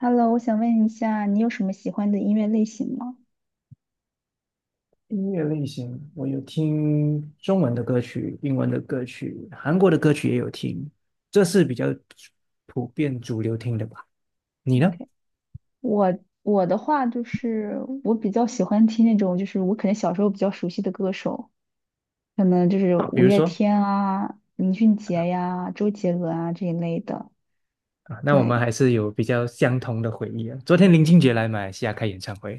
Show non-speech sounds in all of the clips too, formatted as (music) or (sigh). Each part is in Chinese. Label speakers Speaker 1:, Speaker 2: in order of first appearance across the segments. Speaker 1: Hello，我想问一下，你有什么喜欢的音乐类型吗
Speaker 2: 音乐类型，我有听中文的歌曲、英文的歌曲、韩国的歌曲也有听，这是比较普遍主流听的吧？你呢？
Speaker 1: ？OK，我我的话就是我比较喜欢听那种，就是我可能小时候比较熟悉的歌手，可能就是
Speaker 2: 啊，比
Speaker 1: 五
Speaker 2: 如
Speaker 1: 月
Speaker 2: 说
Speaker 1: 天啊、林俊杰呀、周杰伦啊这一类的。
Speaker 2: 啊，那我们还
Speaker 1: 对，
Speaker 2: 是有比较相同的回忆啊。昨天林俊杰来马来西亚开演唱会，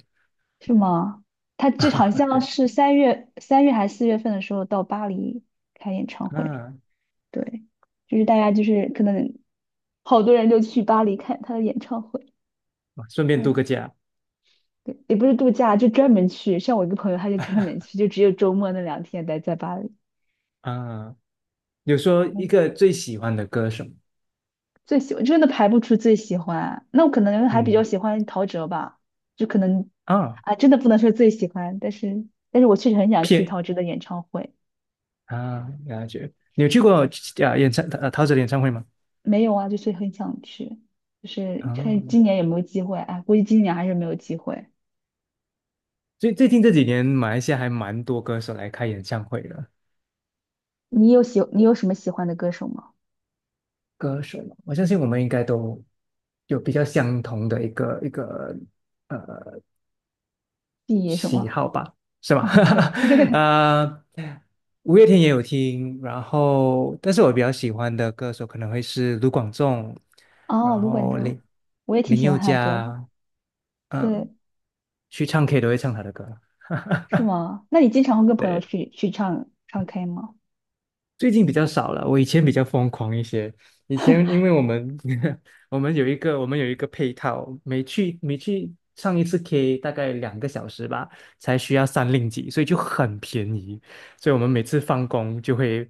Speaker 1: 是吗？他就好
Speaker 2: (laughs)
Speaker 1: 像
Speaker 2: 对
Speaker 1: 是三月还是四月份的时候到巴黎开演唱会。
Speaker 2: 啊，
Speaker 1: 对，就是大家就是可能好多人就去巴黎看他的演唱会。
Speaker 2: 哦顺便度个假
Speaker 1: 也不是度假，就专门去。像我一个朋友，他就专门去，就只有周末那两天待在巴黎。
Speaker 2: 啊。有说一
Speaker 1: 嗯。
Speaker 2: 个最喜欢的歌手，
Speaker 1: 最喜欢真的排不出最喜欢，那我可能还比较
Speaker 2: 嗯
Speaker 1: 喜欢陶喆吧，就可能
Speaker 2: 啊，
Speaker 1: 啊，真的不能说最喜欢，但是我确实很想去
Speaker 2: 片
Speaker 1: 陶喆的演唱会。
Speaker 2: 啊，感觉，你有去过啊演唱陶喆的演唱会吗？
Speaker 1: 没有啊，就是很想去，就是
Speaker 2: 啊。
Speaker 1: 看今年有没有机会。哎，估计今年还是没有机会。
Speaker 2: 最近这几年，马来西亚还蛮多歌手来开演唱会的。
Speaker 1: 你有什么喜欢的歌手吗
Speaker 2: 歌手嘛，我相信我们应该都有比较相同的一个
Speaker 1: ？B 什
Speaker 2: 喜
Speaker 1: 么
Speaker 2: 好吧，是吧？
Speaker 1: ？OK。
Speaker 2: (laughs)
Speaker 1: (laughs)
Speaker 2: 呃，五月天也有听，然后但是我比较喜欢的歌手可能会是卢广仲，
Speaker 1: 哦，
Speaker 2: 然
Speaker 1: 卢冠
Speaker 2: 后
Speaker 1: 中，我也挺
Speaker 2: 林
Speaker 1: 喜欢
Speaker 2: 宥
Speaker 1: 他的歌的。
Speaker 2: 嘉，嗯，
Speaker 1: 对，
Speaker 2: 去唱 K 都会唱他的歌。
Speaker 1: 是吗？那你经常会跟朋友
Speaker 2: 对，
Speaker 1: 去唱唱 K 吗？
Speaker 2: 最近比较少了，我以前比较疯狂一些。以前因为我们 (laughs) 我们有一个配套，每去上一次 K 大概两个小时吧，才需要三令几，所以就很便宜。所以我们每次放工就会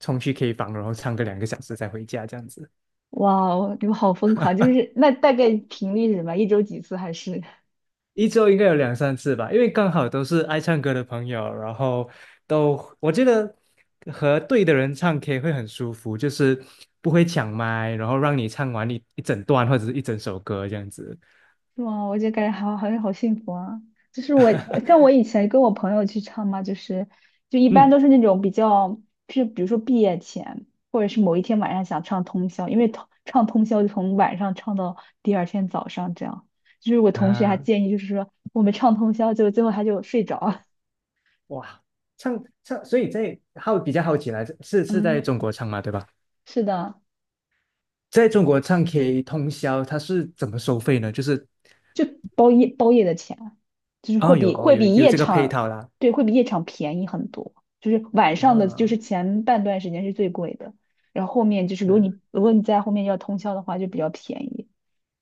Speaker 2: 冲去 K 房，然后唱个两个小时才回家这样子。
Speaker 1: 哇哦，你们好疯狂！就是那大概频率是什么？一周几次还是？(laughs)
Speaker 2: 一周应该有两三次吧，因为刚好都是爱唱歌的朋友，然后我觉得和对的人唱 K 会很舒服，就是不会抢麦，然后让你唱完一整段或者是一整首歌这样子。
Speaker 1: 是吗？我就感觉好像好幸福啊！就是我像我以前跟我朋友去唱嘛，就是就一般
Speaker 2: 嗯
Speaker 1: 都是那种比较，是比如说毕业前，或者是某一天晚上想唱通宵，因为唱通宵就从晚上唱到第二天早上这样。就是我同学还
Speaker 2: 啊，
Speaker 1: 建议，就是说我们唱通宵，就最后他就睡着了。
Speaker 2: 哇，唱唱，所以在好比较好奇来，
Speaker 1: (laughs)
Speaker 2: 是在
Speaker 1: 嗯，
Speaker 2: 中国唱吗？对吧？
Speaker 1: 是的。
Speaker 2: 在中国唱 K 通宵，它是怎么收费呢？就是
Speaker 1: 就包夜的钱，就是会
Speaker 2: 哦，
Speaker 1: 比
Speaker 2: 有哦，
Speaker 1: 会比
Speaker 2: 有
Speaker 1: 夜
Speaker 2: 这个配
Speaker 1: 场，
Speaker 2: 套啦，
Speaker 1: 对，会比夜场便宜很多。就是晚上的，就
Speaker 2: 啊，
Speaker 1: 是前半段时间是最贵的，然后后面就是
Speaker 2: 对啊，
Speaker 1: 如果你在后面要通宵的话，就比较便宜。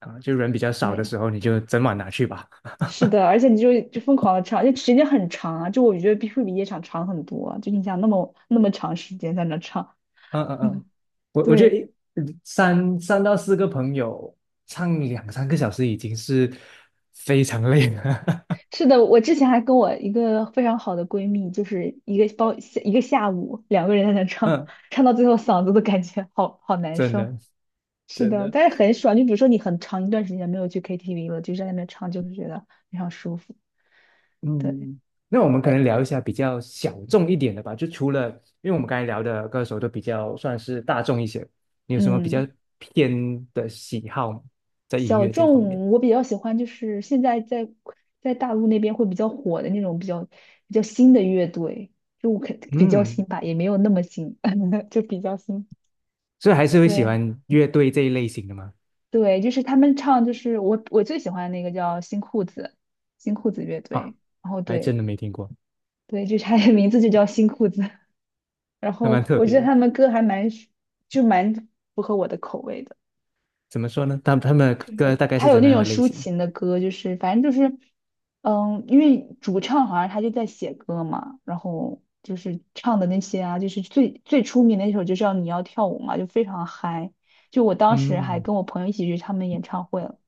Speaker 2: 啊，就人比较少的
Speaker 1: 对，
Speaker 2: 时候，你就整晚拿去吧。
Speaker 1: 是的，而且你就疯狂的唱，就时间很长啊，就我觉得比会比夜场长很多啊就你想那么长时间在那唱，
Speaker 2: 嗯嗯嗯，
Speaker 1: (laughs)
Speaker 2: 我觉得
Speaker 1: 对，
Speaker 2: 三到四个朋友唱两三个小时已经是非常累了。(laughs)
Speaker 1: 是的，我之前还跟我一个非常好的闺蜜，就是一个下午，两个人在那唱，
Speaker 2: 嗯，
Speaker 1: 唱到最后嗓子都感觉好难
Speaker 2: 真
Speaker 1: 受。
Speaker 2: 的
Speaker 1: 是
Speaker 2: 真
Speaker 1: 的，
Speaker 2: 的，
Speaker 1: 但是很爽。就比如说你很长一段时间没有去 KTV 了，就在那边唱，就是觉得非常舒服。对，
Speaker 2: 嗯，那我们可能
Speaker 1: 哎，
Speaker 2: 聊一下比较小众一点的吧，就除了因为我们刚才聊的歌手都比较算是大众一些，你有什么比较
Speaker 1: 嗯，
Speaker 2: 偏的喜好吗？在音
Speaker 1: 小
Speaker 2: 乐这一方面？
Speaker 1: 众我比较喜欢，就是现在在在大陆那边会比较火的那种比较新的乐队，就可比较
Speaker 2: 嗯，
Speaker 1: 新吧，也没有那么新，(laughs) 就比较新。
Speaker 2: 所以还是会喜
Speaker 1: 对。
Speaker 2: 欢乐队这一类型的吗？
Speaker 1: 对，就是他们唱，就是我最喜欢的那个叫新裤子，新裤子乐
Speaker 2: 啊，
Speaker 1: 队。然后
Speaker 2: 还
Speaker 1: 对
Speaker 2: 真的没听过，
Speaker 1: 对，就是他的名字就叫新裤子。(laughs) 然
Speaker 2: 还
Speaker 1: 后
Speaker 2: 蛮特
Speaker 1: 我觉
Speaker 2: 别
Speaker 1: 得
Speaker 2: 的。
Speaker 1: 他们歌还蛮就蛮符合我的口味的。
Speaker 2: 怎么说呢？他们的
Speaker 1: 就
Speaker 2: 歌
Speaker 1: 是
Speaker 2: 大概
Speaker 1: 他
Speaker 2: 是
Speaker 1: 有
Speaker 2: 怎么
Speaker 1: 那
Speaker 2: 样
Speaker 1: 种
Speaker 2: 的类
Speaker 1: 抒
Speaker 2: 型？
Speaker 1: 情的歌，就是反正就是，嗯，因为主唱好像他就在写歌嘛，然后就是唱的那些啊，就是最最出名的一首就叫《你要跳舞》嘛，就非常嗨。就我当时还
Speaker 2: 嗯，
Speaker 1: 跟我朋友一起去他们演唱会了，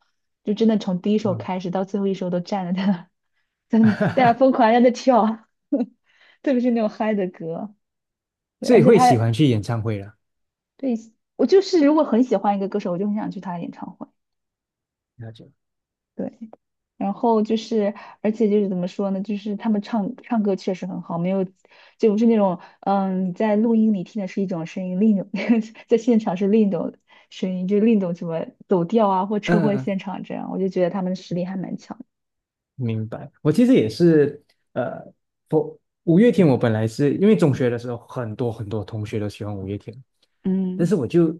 Speaker 1: 就真的从第一首
Speaker 2: 啊、
Speaker 1: 开始到最后一首都站着在那儿，在那大家疯
Speaker 2: (laughs)
Speaker 1: 狂地在那跳，(laughs) 特别是那种嗨的歌。对
Speaker 2: 所
Speaker 1: 而
Speaker 2: 以
Speaker 1: 且
Speaker 2: 会
Speaker 1: 他
Speaker 2: 喜欢去演唱会啦。
Speaker 1: 对我就是如果很喜欢一个歌手，我就很想去他的演唱会。
Speaker 2: 了解。
Speaker 1: 对，然后就是，而且就是怎么说呢，就是他们唱歌确实很好，没有，就不是那种，嗯，你在录音里听的是一种声音，另一种 (laughs) 在现场是另一种声音，就是另一种什么走调啊，或车
Speaker 2: 嗯嗯，
Speaker 1: 祸
Speaker 2: 嗯
Speaker 1: 现场这样，我就觉得他们实力还蛮强的。
Speaker 2: 明白。我其实也是，呃，我五月天，我本来是因为中学的时候，很多同学都喜欢五月天，但是
Speaker 1: 嗯，
Speaker 2: 我就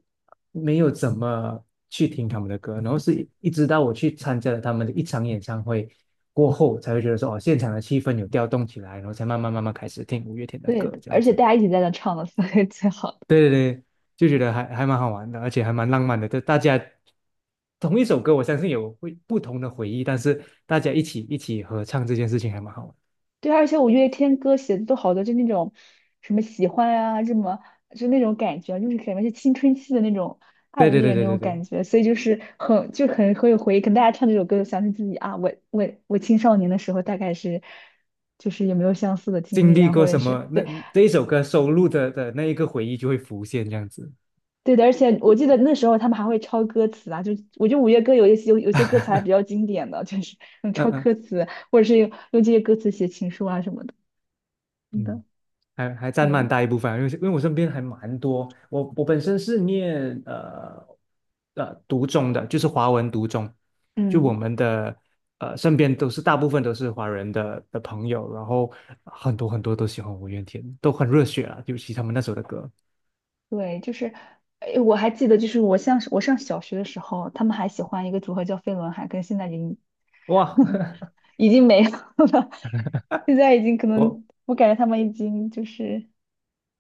Speaker 2: 没有怎么去听他们的歌，然后是一直到我去参加了他们的一场演唱会过后，才会觉得说，哦，现场的气氛有调动起来，然后才慢慢开始听五月天的
Speaker 1: 对
Speaker 2: 歌，
Speaker 1: 的，
Speaker 2: 这
Speaker 1: 而
Speaker 2: 样
Speaker 1: 且
Speaker 2: 子。
Speaker 1: 大家一起在那唱的，所以最好。
Speaker 2: 对对对，就觉得还蛮好玩的，而且还蛮浪漫的。就大家同一首歌，我相信有会不同的回忆，但是大家一起合唱这件事情还蛮好玩。
Speaker 1: 对，而且五月天歌写的都好多，就那种什么喜欢啊，什么就那种感觉，就是感觉是青春期的那种爱
Speaker 2: 对对对
Speaker 1: 恋那
Speaker 2: 对
Speaker 1: 种
Speaker 2: 对对，
Speaker 1: 感觉，所以就是很就很很有回忆。可能大家唱这首歌，想起自己啊，我青少年的时候大概是就是有没有相似的经
Speaker 2: 经
Speaker 1: 历
Speaker 2: 历
Speaker 1: 啊，或
Speaker 2: 过
Speaker 1: 者
Speaker 2: 什
Speaker 1: 是
Speaker 2: 么，那
Speaker 1: 对
Speaker 2: 这一首歌收录的那一个回忆就会浮现这样子。
Speaker 1: 对的。而且我记得那时候他们还会抄歌词啊，就我觉得五月歌有有些歌词还比较经典的，就是嗯
Speaker 2: 嗯
Speaker 1: 抄
Speaker 2: 嗯
Speaker 1: 歌词，或者是用这些歌词写情书啊什么的。真的，
Speaker 2: 嗯。还还占蛮
Speaker 1: 对，
Speaker 2: 大一部分啊因为我身边还蛮多，我本身是念读中的，就是华文读中，就我
Speaker 1: 嗯。
Speaker 2: 们的呃身边都是大部分都是华人的朋友，然后很多都喜欢五月天，都很热血啊，尤其他们那首的歌，
Speaker 1: 对，就是，哎，我还记得，就是我上小学的时候，他们还喜欢一个组合叫飞轮海，跟现在已经
Speaker 2: 哇，
Speaker 1: (laughs)
Speaker 2: (laughs)
Speaker 1: 已经没有了，现在已经可
Speaker 2: 我
Speaker 1: 能，我感觉他们已经就是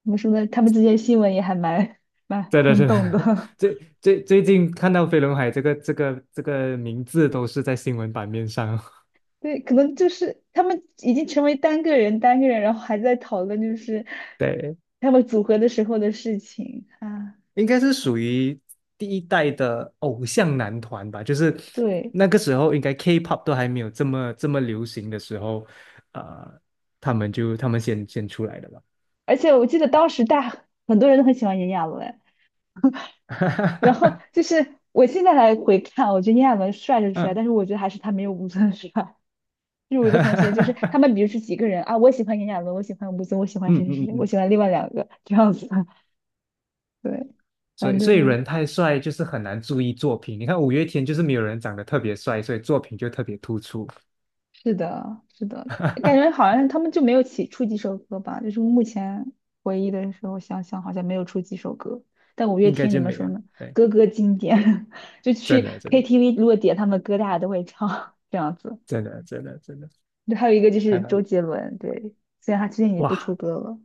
Speaker 1: 怎么说呢，他们之间新闻也蛮
Speaker 2: 真的
Speaker 1: 轰
Speaker 2: 真
Speaker 1: 动的，
Speaker 2: 的 (laughs) 最近看到飞轮海这个名字都是在新闻版面上，
Speaker 1: (laughs) 对，可能就是他们已经成为单个人，然后还在讨论就是
Speaker 2: (laughs) 对。
Speaker 1: 他们组合的时候的事情啊，
Speaker 2: 应该是属于第一代的偶像男团吧，就是
Speaker 1: 对，
Speaker 2: 那个时候应该 K-pop 都还没有这么流行的时候，呃，他们先出来的吧。
Speaker 1: 而且我记得当时大很多人都很喜欢炎亚纶。然
Speaker 2: (laughs)
Speaker 1: 后就是我现在来回看，我觉得炎亚纶帅是帅，
Speaker 2: 嗯，
Speaker 1: 但是我觉得还是他没有吴尊帅。就是我一
Speaker 2: (laughs)
Speaker 1: 个
Speaker 2: 哈
Speaker 1: 同学，就是
Speaker 2: 哈
Speaker 1: 他
Speaker 2: 哈
Speaker 1: 们比如是几个人啊，我喜欢炎亚纶，我喜欢吴尊，我喜欢
Speaker 2: 嗯
Speaker 1: 谁谁
Speaker 2: 嗯
Speaker 1: 谁，我
Speaker 2: 嗯，
Speaker 1: 喜欢另外两个这样子。(laughs) 对，
Speaker 2: 所
Speaker 1: 反
Speaker 2: 以
Speaker 1: 正就是
Speaker 2: 人太帅就是很难注意作品。你看五月天就是没有人长得特别帅，所以作品就特别突出，
Speaker 1: 是的，是的，感觉好像他们就没有起出几首歌吧，就是目前回忆的时候想想，好像没有出几首歌。但五月
Speaker 2: 应该
Speaker 1: 天怎
Speaker 2: 就
Speaker 1: 么
Speaker 2: 没
Speaker 1: 说
Speaker 2: 有。
Speaker 1: 呢？
Speaker 2: 对，
Speaker 1: 歌歌经典，(laughs) 就
Speaker 2: 真
Speaker 1: 去
Speaker 2: 的真的
Speaker 1: KTV 如果点他们歌，大家都会唱这样子。
Speaker 2: 真的真的真的，
Speaker 1: 对，还有一个就
Speaker 2: 还
Speaker 1: 是周
Speaker 2: 蛮
Speaker 1: 杰伦，对，虽然他最近已经不出
Speaker 2: 哇。
Speaker 1: 歌了，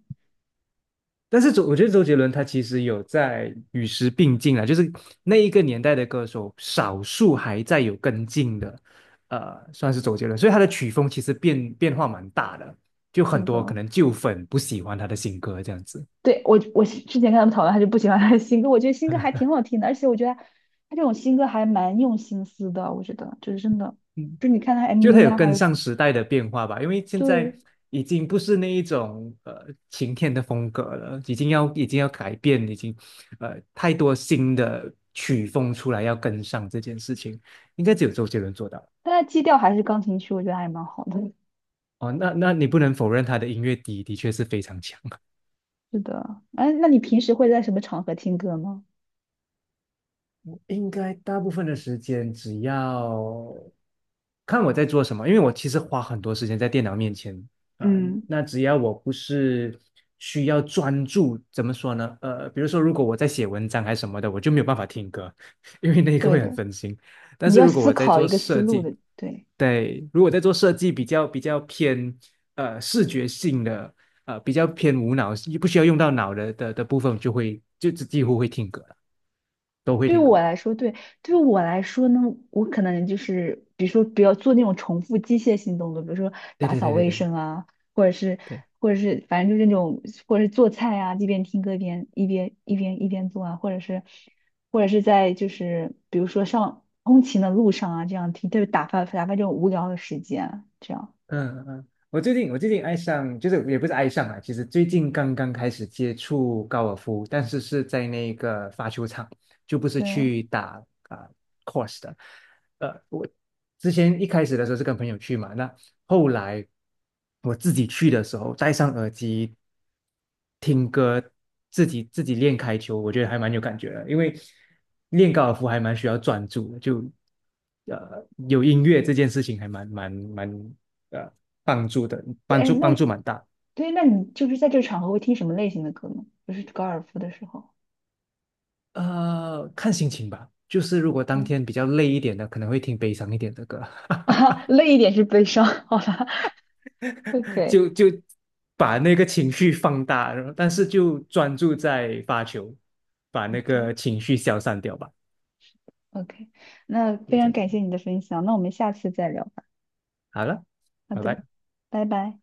Speaker 2: 但是周，我觉得周杰伦他其实有在与时并进啊，就是那一个年代的歌手，少数还在有跟进的，算是周杰伦，所以他的曲风其实变化蛮大的，就很
Speaker 1: 真
Speaker 2: 多可
Speaker 1: 的。
Speaker 2: 能旧粉不喜欢他的新歌这样子，
Speaker 1: 对，我是之前看他们讨论，他就不喜欢他的新歌，我觉得新歌还挺好听的，而且我觉得他这种新歌还蛮用心思的，我觉得就是真的，
Speaker 2: 嗯，
Speaker 1: 就是你看他
Speaker 2: 就他
Speaker 1: MV
Speaker 2: 有
Speaker 1: 啊，还
Speaker 2: 跟
Speaker 1: 有是
Speaker 2: 上时代的变化吧，因为现
Speaker 1: 对，
Speaker 2: 在已经不是那一种呃晴天的风格了，已经要改变，已经呃太多新的曲风出来要跟上这件事情，应该只有周杰伦做到。
Speaker 1: 但他基调还是钢琴曲，我觉得还蛮好的。
Speaker 2: 哦，那你不能否认他的音乐底的确是非常强。
Speaker 1: 是的，哎，那你平时会在什么场合听歌吗？
Speaker 2: 应该大部分的时间，只要看我在做什么，因为我其实花很多时间在电脑面前啊、呃
Speaker 1: 嗯，
Speaker 2: 那只要我不是需要专注，怎么说呢？呃，比如说如果我在写文章还是什么的，我就没有办法听歌，(laughs) 因为那个
Speaker 1: 对
Speaker 2: 会很
Speaker 1: 的，
Speaker 2: 分心。但
Speaker 1: 你
Speaker 2: 是
Speaker 1: 要
Speaker 2: 如果
Speaker 1: 思
Speaker 2: 我在
Speaker 1: 考
Speaker 2: 做
Speaker 1: 一个思
Speaker 2: 设
Speaker 1: 路
Speaker 2: 计，
Speaker 1: 的，对。
Speaker 2: 对，如果在做设计比较偏呃视觉性的，呃比较偏无脑，不需要用到脑的部分，就几乎会听歌了，都会
Speaker 1: 对
Speaker 2: 听
Speaker 1: 我
Speaker 2: 歌。
Speaker 1: 来说，对，对我来说呢，我可能就是，比如说不要做那种重复机械性动作，比如说
Speaker 2: 对
Speaker 1: 打
Speaker 2: 对
Speaker 1: 扫
Speaker 2: 对对
Speaker 1: 卫
Speaker 2: 对
Speaker 1: 生啊，或者是，
Speaker 2: 对，
Speaker 1: 或者是，反正就是那种，或者是做菜啊，一边听歌一边做啊，或者是，或者是在就是比如说上通勤的路上啊，这样听，对，打发这种无聊的时间啊，这样，
Speaker 2: 嗯嗯，我最近爱上，就是也不是爱上啊，其实最近刚刚开始接触高尔夫，但是是在那个发球场，就不是
Speaker 1: 对，
Speaker 2: 去打啊、course 的。呃，我之前一开始的时候是跟朋友去嘛，那后来我自己去的时候，戴上耳机听歌，自己练开球，我觉得还蛮有感觉的，因为练高尔夫还蛮需要专注的，就呃有音乐这件事情还蛮蛮蛮呃帮助的，
Speaker 1: 对，哎，那
Speaker 2: 帮助蛮大。
Speaker 1: 对，那你就是在这个场合会听什么类型的歌呢？就是高尔夫的时候，
Speaker 2: 呃，看心情吧，就是如果当
Speaker 1: 嗯，
Speaker 2: 天比较累一点的，可能会听悲伤一点的歌。
Speaker 1: (laughs)
Speaker 2: (laughs)
Speaker 1: 啊，累一点是悲伤，好吧。OK
Speaker 2: 就把那个情绪放大，然后但是就专注在发球，把那
Speaker 1: OK
Speaker 2: 个情绪消散掉吧。
Speaker 1: OK，那
Speaker 2: 可以
Speaker 1: 非
Speaker 2: 这
Speaker 1: 常
Speaker 2: 样讲
Speaker 1: 感谢你的分享，那我们下次再聊吧。
Speaker 2: 好了，
Speaker 1: 好
Speaker 2: 拜
Speaker 1: 的，
Speaker 2: 拜。
Speaker 1: 拜拜。